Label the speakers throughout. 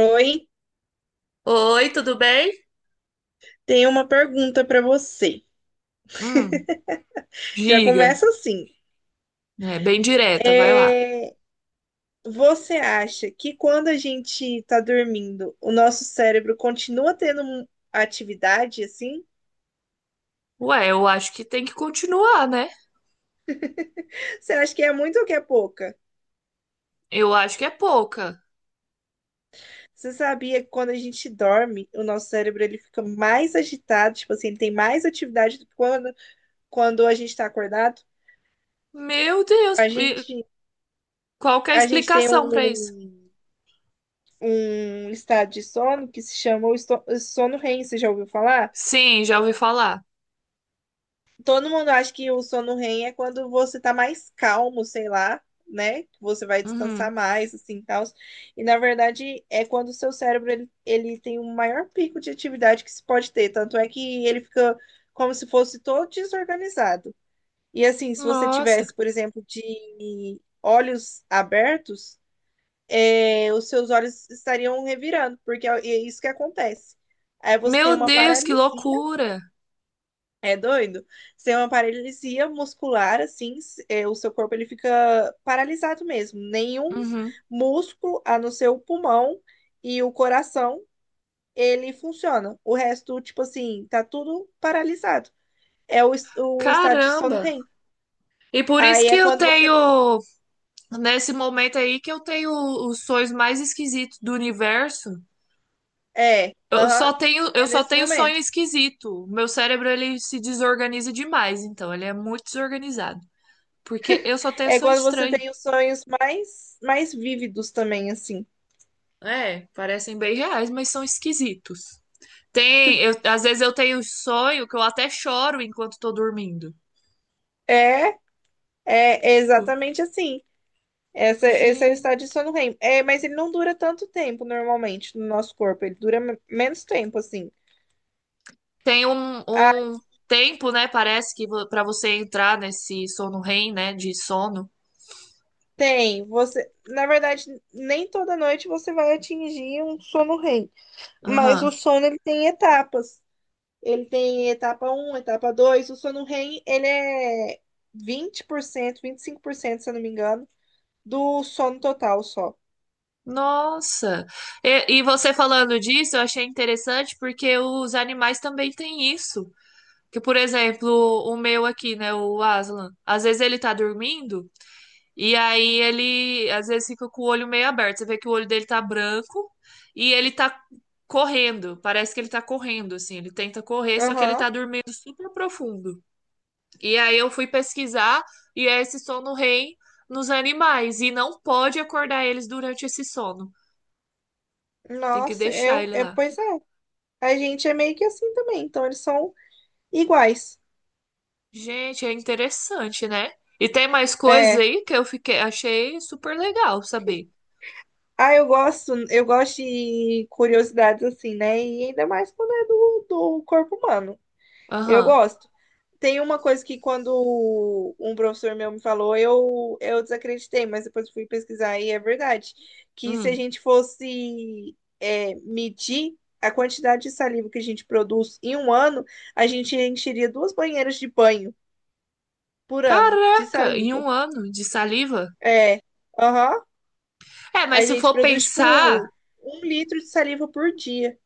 Speaker 1: Oi,
Speaker 2: Oi, tudo bem?
Speaker 1: tenho uma pergunta para você.
Speaker 2: Hum,
Speaker 1: Já
Speaker 2: diga.
Speaker 1: começa assim.
Speaker 2: É bem direta, vai lá.
Speaker 1: É, você acha que quando a gente está dormindo, o nosso cérebro continua tendo atividade assim?
Speaker 2: Ué, eu acho que tem que continuar, né?
Speaker 1: Você acha que é muito ou que é pouca?
Speaker 2: Eu acho que é pouca.
Speaker 1: Você sabia que quando a gente dorme, o nosso cérebro ele fica mais agitado, tipo assim, ele tem mais atividade do que quando a gente está acordado?
Speaker 2: Meu Deus,
Speaker 1: A
Speaker 2: e
Speaker 1: gente,
Speaker 2: qual que é a
Speaker 1: a gente tem
Speaker 2: explicação pra isso?
Speaker 1: um estado de sono que se chama o sono REM, você já ouviu falar?
Speaker 2: Sim, já ouvi falar.
Speaker 1: Todo mundo acha que o sono REM é quando você tá mais calmo, sei lá, né? Que você vai descansar
Speaker 2: Uhum.
Speaker 1: mais, assim, tal. E na verdade é quando o seu cérebro ele tem o maior pico de atividade que se pode ter, tanto é que ele fica como se fosse todo desorganizado. E assim, se você
Speaker 2: Nossa,
Speaker 1: tivesse, por exemplo, de olhos abertos, é, os seus olhos estariam revirando, porque é isso que acontece. Aí você tem
Speaker 2: meu
Speaker 1: uma
Speaker 2: Deus, que
Speaker 1: paralisia.
Speaker 2: loucura.
Speaker 1: É doido? Você é uma paralisia muscular, assim, o seu corpo ele fica paralisado mesmo. Nenhum
Speaker 2: Uhum.
Speaker 1: músculo, a não ser o pulmão e o coração, ele funciona. O resto, tipo assim, tá tudo paralisado. É o estado de sono
Speaker 2: Caramba.
Speaker 1: REM.
Speaker 2: E por isso
Speaker 1: Aí
Speaker 2: que
Speaker 1: é quando você.
Speaker 2: nesse momento aí, que eu tenho os sonhos mais esquisitos do universo.
Speaker 1: Aham,
Speaker 2: Eu
Speaker 1: é
Speaker 2: só
Speaker 1: nesse
Speaker 2: tenho sonho
Speaker 1: momento.
Speaker 2: esquisito. Meu cérebro ele se desorganiza demais, então ele é muito desorganizado, porque eu só tenho
Speaker 1: É
Speaker 2: sonho
Speaker 1: quando você
Speaker 2: estranho.
Speaker 1: tem os sonhos mais vívidos também, assim.
Speaker 2: É, parecem bem reais, mas são esquisitos. Tem, às vezes eu tenho um sonho que eu até choro enquanto tô dormindo.
Speaker 1: É, é
Speaker 2: Tipo,
Speaker 1: exatamente assim. Esse é o estado
Speaker 2: gente,
Speaker 1: de sono REM. É, mas ele não dura tanto tempo normalmente no nosso corpo. Ele dura menos tempo, assim.
Speaker 2: tem
Speaker 1: Ah,
Speaker 2: um tempo, né? Parece que pra você entrar nesse sono REM, né, de sono.
Speaker 1: tem. Você, na verdade, nem toda noite você vai atingir um sono REM. Mas o
Speaker 2: Aham.
Speaker 1: sono ele tem etapas. Ele tem etapa um, etapa dois. O sono REM ele é vinte por cento, 25% se eu não me engano, do sono total só.
Speaker 2: Nossa! E você falando disso, eu achei interessante porque os animais também têm isso. Que, por exemplo, o meu aqui, né, o Aslan, às vezes ele tá dormindo e aí ele às vezes fica com o olho meio aberto. Você vê que o olho dele tá branco e ele tá correndo. Parece que ele tá correndo, assim. Ele tenta correr, só que ele tá
Speaker 1: Aham.
Speaker 2: dormindo super profundo. E aí eu fui pesquisar e é esse sono REM nos animais e não pode acordar eles durante esse sono. Tem que
Speaker 1: Nossa,
Speaker 2: deixar ele lá.
Speaker 1: pois é. A gente é meio que assim também. Então eles são iguais.
Speaker 2: Gente, é interessante, né? E tem mais coisas
Speaker 1: é
Speaker 2: aí que eu fiquei, achei super legal saber.
Speaker 1: Ah, eu gosto de curiosidades assim, né? E ainda mais quando é do corpo humano. Eu
Speaker 2: Aham.
Speaker 1: gosto. Tem uma coisa que quando um professor meu me falou, eu desacreditei, mas depois fui pesquisar e é verdade. Que se a
Speaker 2: Hum.
Speaker 1: gente fosse medir a quantidade de saliva que a gente produz em um ano, a gente encheria duas banheiras de banho por ano de
Speaker 2: Caraca, em
Speaker 1: saliva.
Speaker 2: um ano de saliva?
Speaker 1: É, aham.
Speaker 2: É, mas
Speaker 1: A
Speaker 2: se
Speaker 1: gente
Speaker 2: for
Speaker 1: produz,
Speaker 2: pensar,
Speaker 1: tipo, 1 litro de saliva por dia.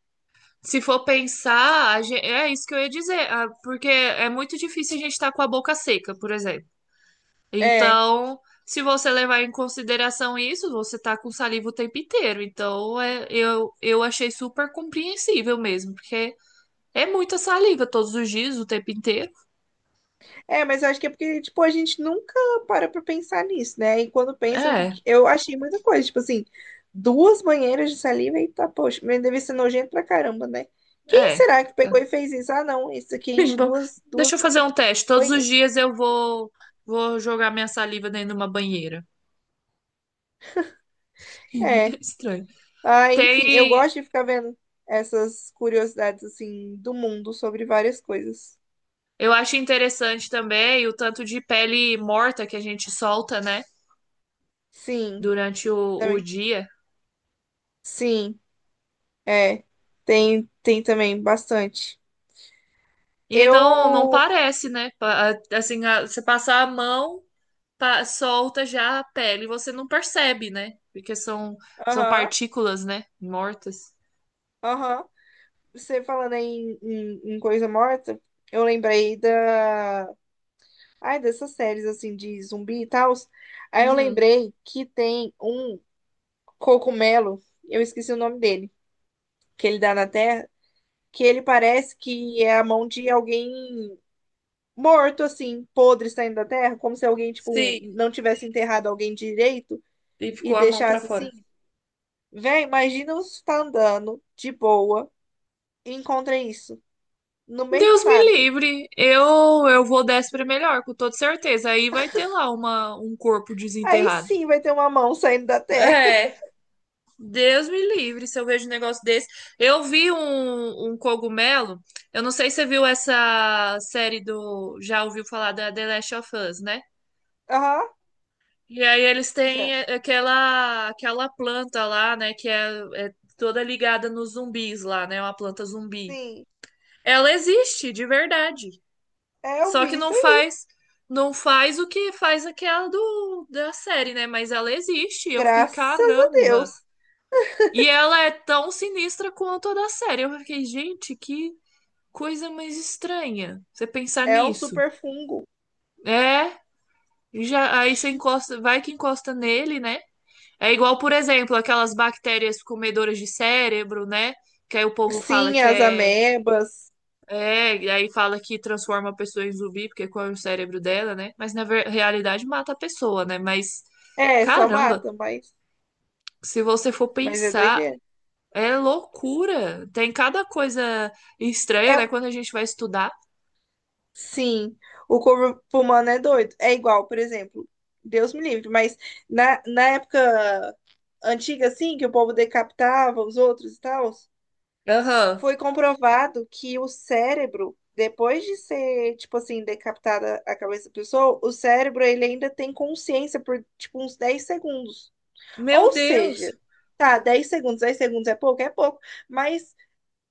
Speaker 2: se for pensar, a é isso que eu ia dizer, ah, porque é muito difícil a gente estar com a boca seca, por exemplo.
Speaker 1: É,
Speaker 2: Então, se você levar em consideração isso, você tá com saliva o tempo inteiro. Então, é, eu achei super compreensível mesmo, porque é muita saliva todos os dias, o tempo inteiro.
Speaker 1: é, mas eu acho que é porque, tipo, a gente nunca para pra pensar nisso, né? E quando pensa,
Speaker 2: É,
Speaker 1: eu achei muita coisa, tipo assim, duas banheiras de saliva e tá, poxa, mas deve ser nojento pra caramba, né? Quem
Speaker 2: é.
Speaker 1: será que pegou
Speaker 2: Tá.
Speaker 1: e fez isso? Ah, não, isso aqui enche
Speaker 2: Bom,
Speaker 1: duas
Speaker 2: deixa eu fazer um teste. Todos os
Speaker 1: banheiras.
Speaker 2: dias vou jogar minha saliva dentro de uma banheira.
Speaker 1: É,
Speaker 2: Estranho.
Speaker 1: enfim, eu
Speaker 2: Tem.
Speaker 1: gosto de ficar vendo essas curiosidades, assim, do mundo sobre várias coisas.
Speaker 2: Eu acho interessante também o tanto de pele morta que a gente solta, né?
Speaker 1: Sim,
Speaker 2: Durante o
Speaker 1: também.
Speaker 2: dia.
Speaker 1: Sim, é, tem também bastante.
Speaker 2: E não, não
Speaker 1: Eu,
Speaker 2: parece, né? Pa- Assim, você passar a mão, solta já a pele. Você não percebe, né? Porque são, são
Speaker 1: aham,
Speaker 2: partículas, né? Mortas.
Speaker 1: aham. Você falando aí em coisa morta, eu lembrei ai, dessas séries assim de zumbi e tal. Aí eu
Speaker 2: Uhum.
Speaker 1: lembrei que tem um cogumelo, eu esqueci o nome dele, que ele dá na terra, que ele parece que é a mão de alguém morto assim, podre saindo da terra, como se alguém tipo
Speaker 2: Sim,
Speaker 1: não tivesse enterrado alguém direito
Speaker 2: e
Speaker 1: e
Speaker 2: ficou a mão pra
Speaker 1: deixasse
Speaker 2: fora.
Speaker 1: assim. Véi, imagina você tá andando de boa e encontra isso no meio do
Speaker 2: Deus me
Speaker 1: nada.
Speaker 2: livre. Eu vou para melhor, com toda certeza. Aí vai ter lá um corpo
Speaker 1: Aí
Speaker 2: desenterrado.
Speaker 1: sim vai ter uma mão saindo da terra.
Speaker 2: É, Deus me livre se eu vejo um negócio desse. Eu vi um cogumelo. Eu não sei se você viu essa série do. Já ouviu falar da The Last of Us, né?
Speaker 1: Aham,
Speaker 2: E aí eles
Speaker 1: já.
Speaker 2: têm aquela planta lá, né? Que é, é toda ligada nos zumbis lá, né? Uma planta zumbi.
Speaker 1: Sim.
Speaker 2: Ela existe, de verdade.
Speaker 1: É, eu
Speaker 2: Só
Speaker 1: vi
Speaker 2: que
Speaker 1: isso
Speaker 2: não
Speaker 1: aí.
Speaker 2: faz, não faz o que faz aquela da série, né? Mas ela existe. E eu fiquei,
Speaker 1: Graças a
Speaker 2: caramba.
Speaker 1: Deus.
Speaker 2: E ela é tão sinistra quanto a da série. Eu fiquei, gente, que coisa mais estranha. Você pensar
Speaker 1: É um
Speaker 2: nisso.
Speaker 1: super fungo.
Speaker 2: É, já aí você encosta, vai que encosta nele, né? É igual, por exemplo, aquelas bactérias comedoras de cérebro, né? Que aí o povo fala
Speaker 1: Sim,
Speaker 2: que
Speaker 1: as
Speaker 2: é
Speaker 1: amebas.
Speaker 2: é, e aí fala que transforma a pessoa em zumbi, porque qual é o cérebro dela, né? Mas na realidade mata a pessoa, né? Mas,
Speaker 1: É, só
Speaker 2: caramba,
Speaker 1: mata, mas,
Speaker 2: se você for
Speaker 1: mas é
Speaker 2: pensar,
Speaker 1: doideira.
Speaker 2: é loucura. Tem cada coisa estranha, né?
Speaker 1: É,
Speaker 2: Quando a gente vai estudar.
Speaker 1: sim, o corpo humano é doido. É igual, por exemplo, Deus me livre, mas na época antiga, assim, que o povo decapitava os outros e tal.
Speaker 2: Aham.
Speaker 1: Foi comprovado que o cérebro, depois de ser, tipo assim, decapitada a cabeça da pessoa, o cérebro ele ainda tem consciência por, tipo, uns 10 segundos.
Speaker 2: Meu
Speaker 1: Ou seja,
Speaker 2: Deus.
Speaker 1: tá, 10 segundos, 10 segundos é pouco, mas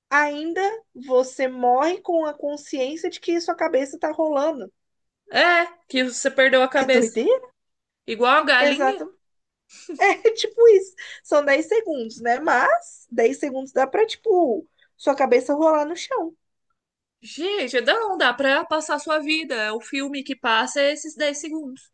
Speaker 1: ainda você morre com a consciência de que sua cabeça tá rolando.
Speaker 2: É, que você perdeu a
Speaker 1: É
Speaker 2: cabeça.
Speaker 1: doideira?
Speaker 2: Igual a galinha.
Speaker 1: Exato. É tipo isso. São 10 segundos, né? Mas 10 segundos dá pra, tipo, sua cabeça rolar no chão.
Speaker 2: Gente, não dá pra passar a sua vida. O filme que passa é esses 10 segundos.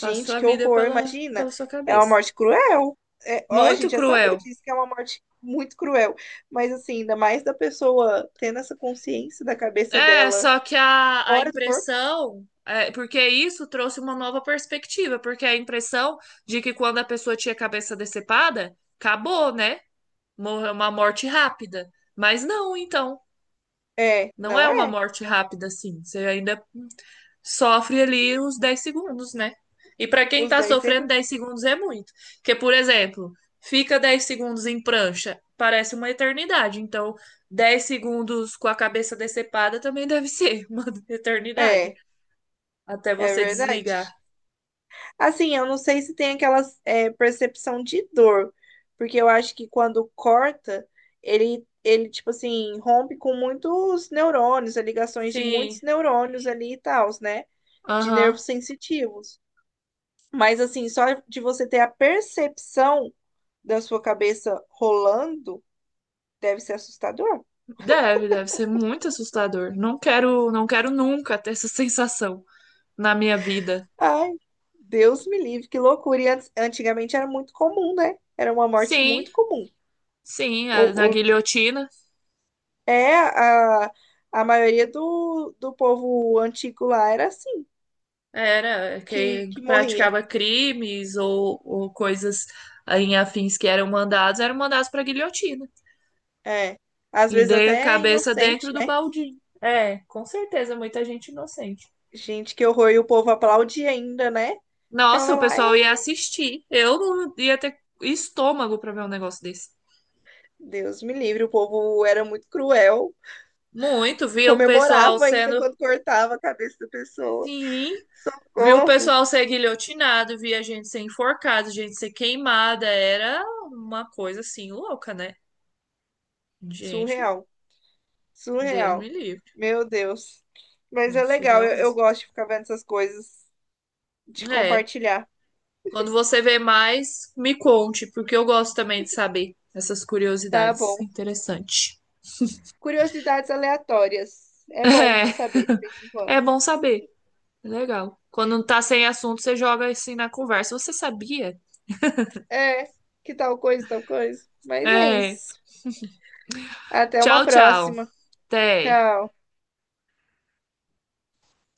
Speaker 2: Passa a sua
Speaker 1: que
Speaker 2: vida
Speaker 1: horror,
Speaker 2: pela,
Speaker 1: imagina.
Speaker 2: pela sua
Speaker 1: É uma
Speaker 2: cabeça.
Speaker 1: morte cruel. É, ó, a
Speaker 2: Muito
Speaker 1: gente já sabia
Speaker 2: cruel.
Speaker 1: disso, que é uma morte muito cruel. Mas, assim, ainda mais da pessoa tendo essa consciência da cabeça
Speaker 2: É,
Speaker 1: dela
Speaker 2: só que a
Speaker 1: fora do corpo.
Speaker 2: impressão, é, porque isso trouxe uma nova perspectiva, porque a impressão de que quando a pessoa tinha a cabeça decepada, acabou, né? Morreu uma morte rápida. Mas não, então,
Speaker 1: É,
Speaker 2: não é
Speaker 1: não
Speaker 2: uma
Speaker 1: é?
Speaker 2: morte rápida assim. Você ainda sofre ali os 10 segundos, né? E para quem
Speaker 1: Os
Speaker 2: tá
Speaker 1: dez
Speaker 2: sofrendo 10
Speaker 1: segundos.
Speaker 2: segundos é muito. Porque, por exemplo, fica 10 segundos em prancha, parece uma eternidade. Então, 10 segundos com a cabeça decepada também deve ser uma eternidade
Speaker 1: É,
Speaker 2: até
Speaker 1: é
Speaker 2: você desligar.
Speaker 1: verdade. Assim, eu não sei se tem aquela percepção de dor, porque eu acho que quando corta, ele, tipo assim, rompe com muitos neurônios, as ligações de
Speaker 2: Sim.
Speaker 1: muitos neurônios ali e tal, né? De
Speaker 2: Aham.
Speaker 1: nervos sensitivos. Mas assim, só de você ter a percepção da sua cabeça rolando deve ser assustador.
Speaker 2: Deve, deve ser muito assustador. Não quero, não quero nunca ter essa sensação na minha vida.
Speaker 1: Ai, Deus me livre, que loucura. E antigamente era muito comum, né? Era uma morte
Speaker 2: Sim,
Speaker 1: muito comum.
Speaker 2: sim,
Speaker 1: O,
Speaker 2: a- na
Speaker 1: o-
Speaker 2: guilhotina
Speaker 1: é a maioria do povo antigo lá era assim,
Speaker 2: era
Speaker 1: que,
Speaker 2: quem
Speaker 1: que morria.
Speaker 2: praticava crimes ou coisas em afins que eram mandados para guilhotina.
Speaker 1: É. Às
Speaker 2: E
Speaker 1: vezes
Speaker 2: dei a
Speaker 1: até
Speaker 2: cabeça dentro
Speaker 1: inocente,
Speaker 2: do
Speaker 1: né?
Speaker 2: baldinho. É, com certeza, muita gente inocente.
Speaker 1: Gente, que horror. E o povo aplaudia ainda, né?
Speaker 2: Nossa,
Speaker 1: Ficava
Speaker 2: o
Speaker 1: lá, é,
Speaker 2: pessoal ia assistir. Eu não ia ter estômago para ver um negócio desse.
Speaker 1: Deus me livre, o povo era muito cruel.
Speaker 2: Muito, via o pessoal
Speaker 1: Comemorava ainda
Speaker 2: sendo.
Speaker 1: quando cortava a cabeça da pessoa.
Speaker 2: Sim, via o
Speaker 1: Socorro!
Speaker 2: pessoal ser guilhotinado, via gente ser enforcada, gente ser queimada. Era uma coisa assim louca, né? Gente,
Speaker 1: Surreal,
Speaker 2: Deus me
Speaker 1: surreal.
Speaker 2: livre.
Speaker 1: Meu Deus. Mas
Speaker 2: Não,
Speaker 1: é legal,
Speaker 2: surreal
Speaker 1: eu
Speaker 2: mesmo.
Speaker 1: gosto de ficar vendo essas coisas, de
Speaker 2: É.
Speaker 1: compartilhar.
Speaker 2: Quando você vê mais, me conte, porque eu gosto também de saber essas
Speaker 1: Tá
Speaker 2: curiosidades.
Speaker 1: bom.
Speaker 2: Interessante.
Speaker 1: Curiosidades aleatórias. É bom saber de vez em
Speaker 2: É, é
Speaker 1: quando.
Speaker 2: bom saber. É legal. Quando não tá sem assunto, você joga assim na conversa. Você sabia?
Speaker 1: É, que tal coisa, tal coisa. Mas é
Speaker 2: É.
Speaker 1: isso. Até uma
Speaker 2: Tchau, tchau.
Speaker 1: próxima.
Speaker 2: Até.
Speaker 1: Tchau.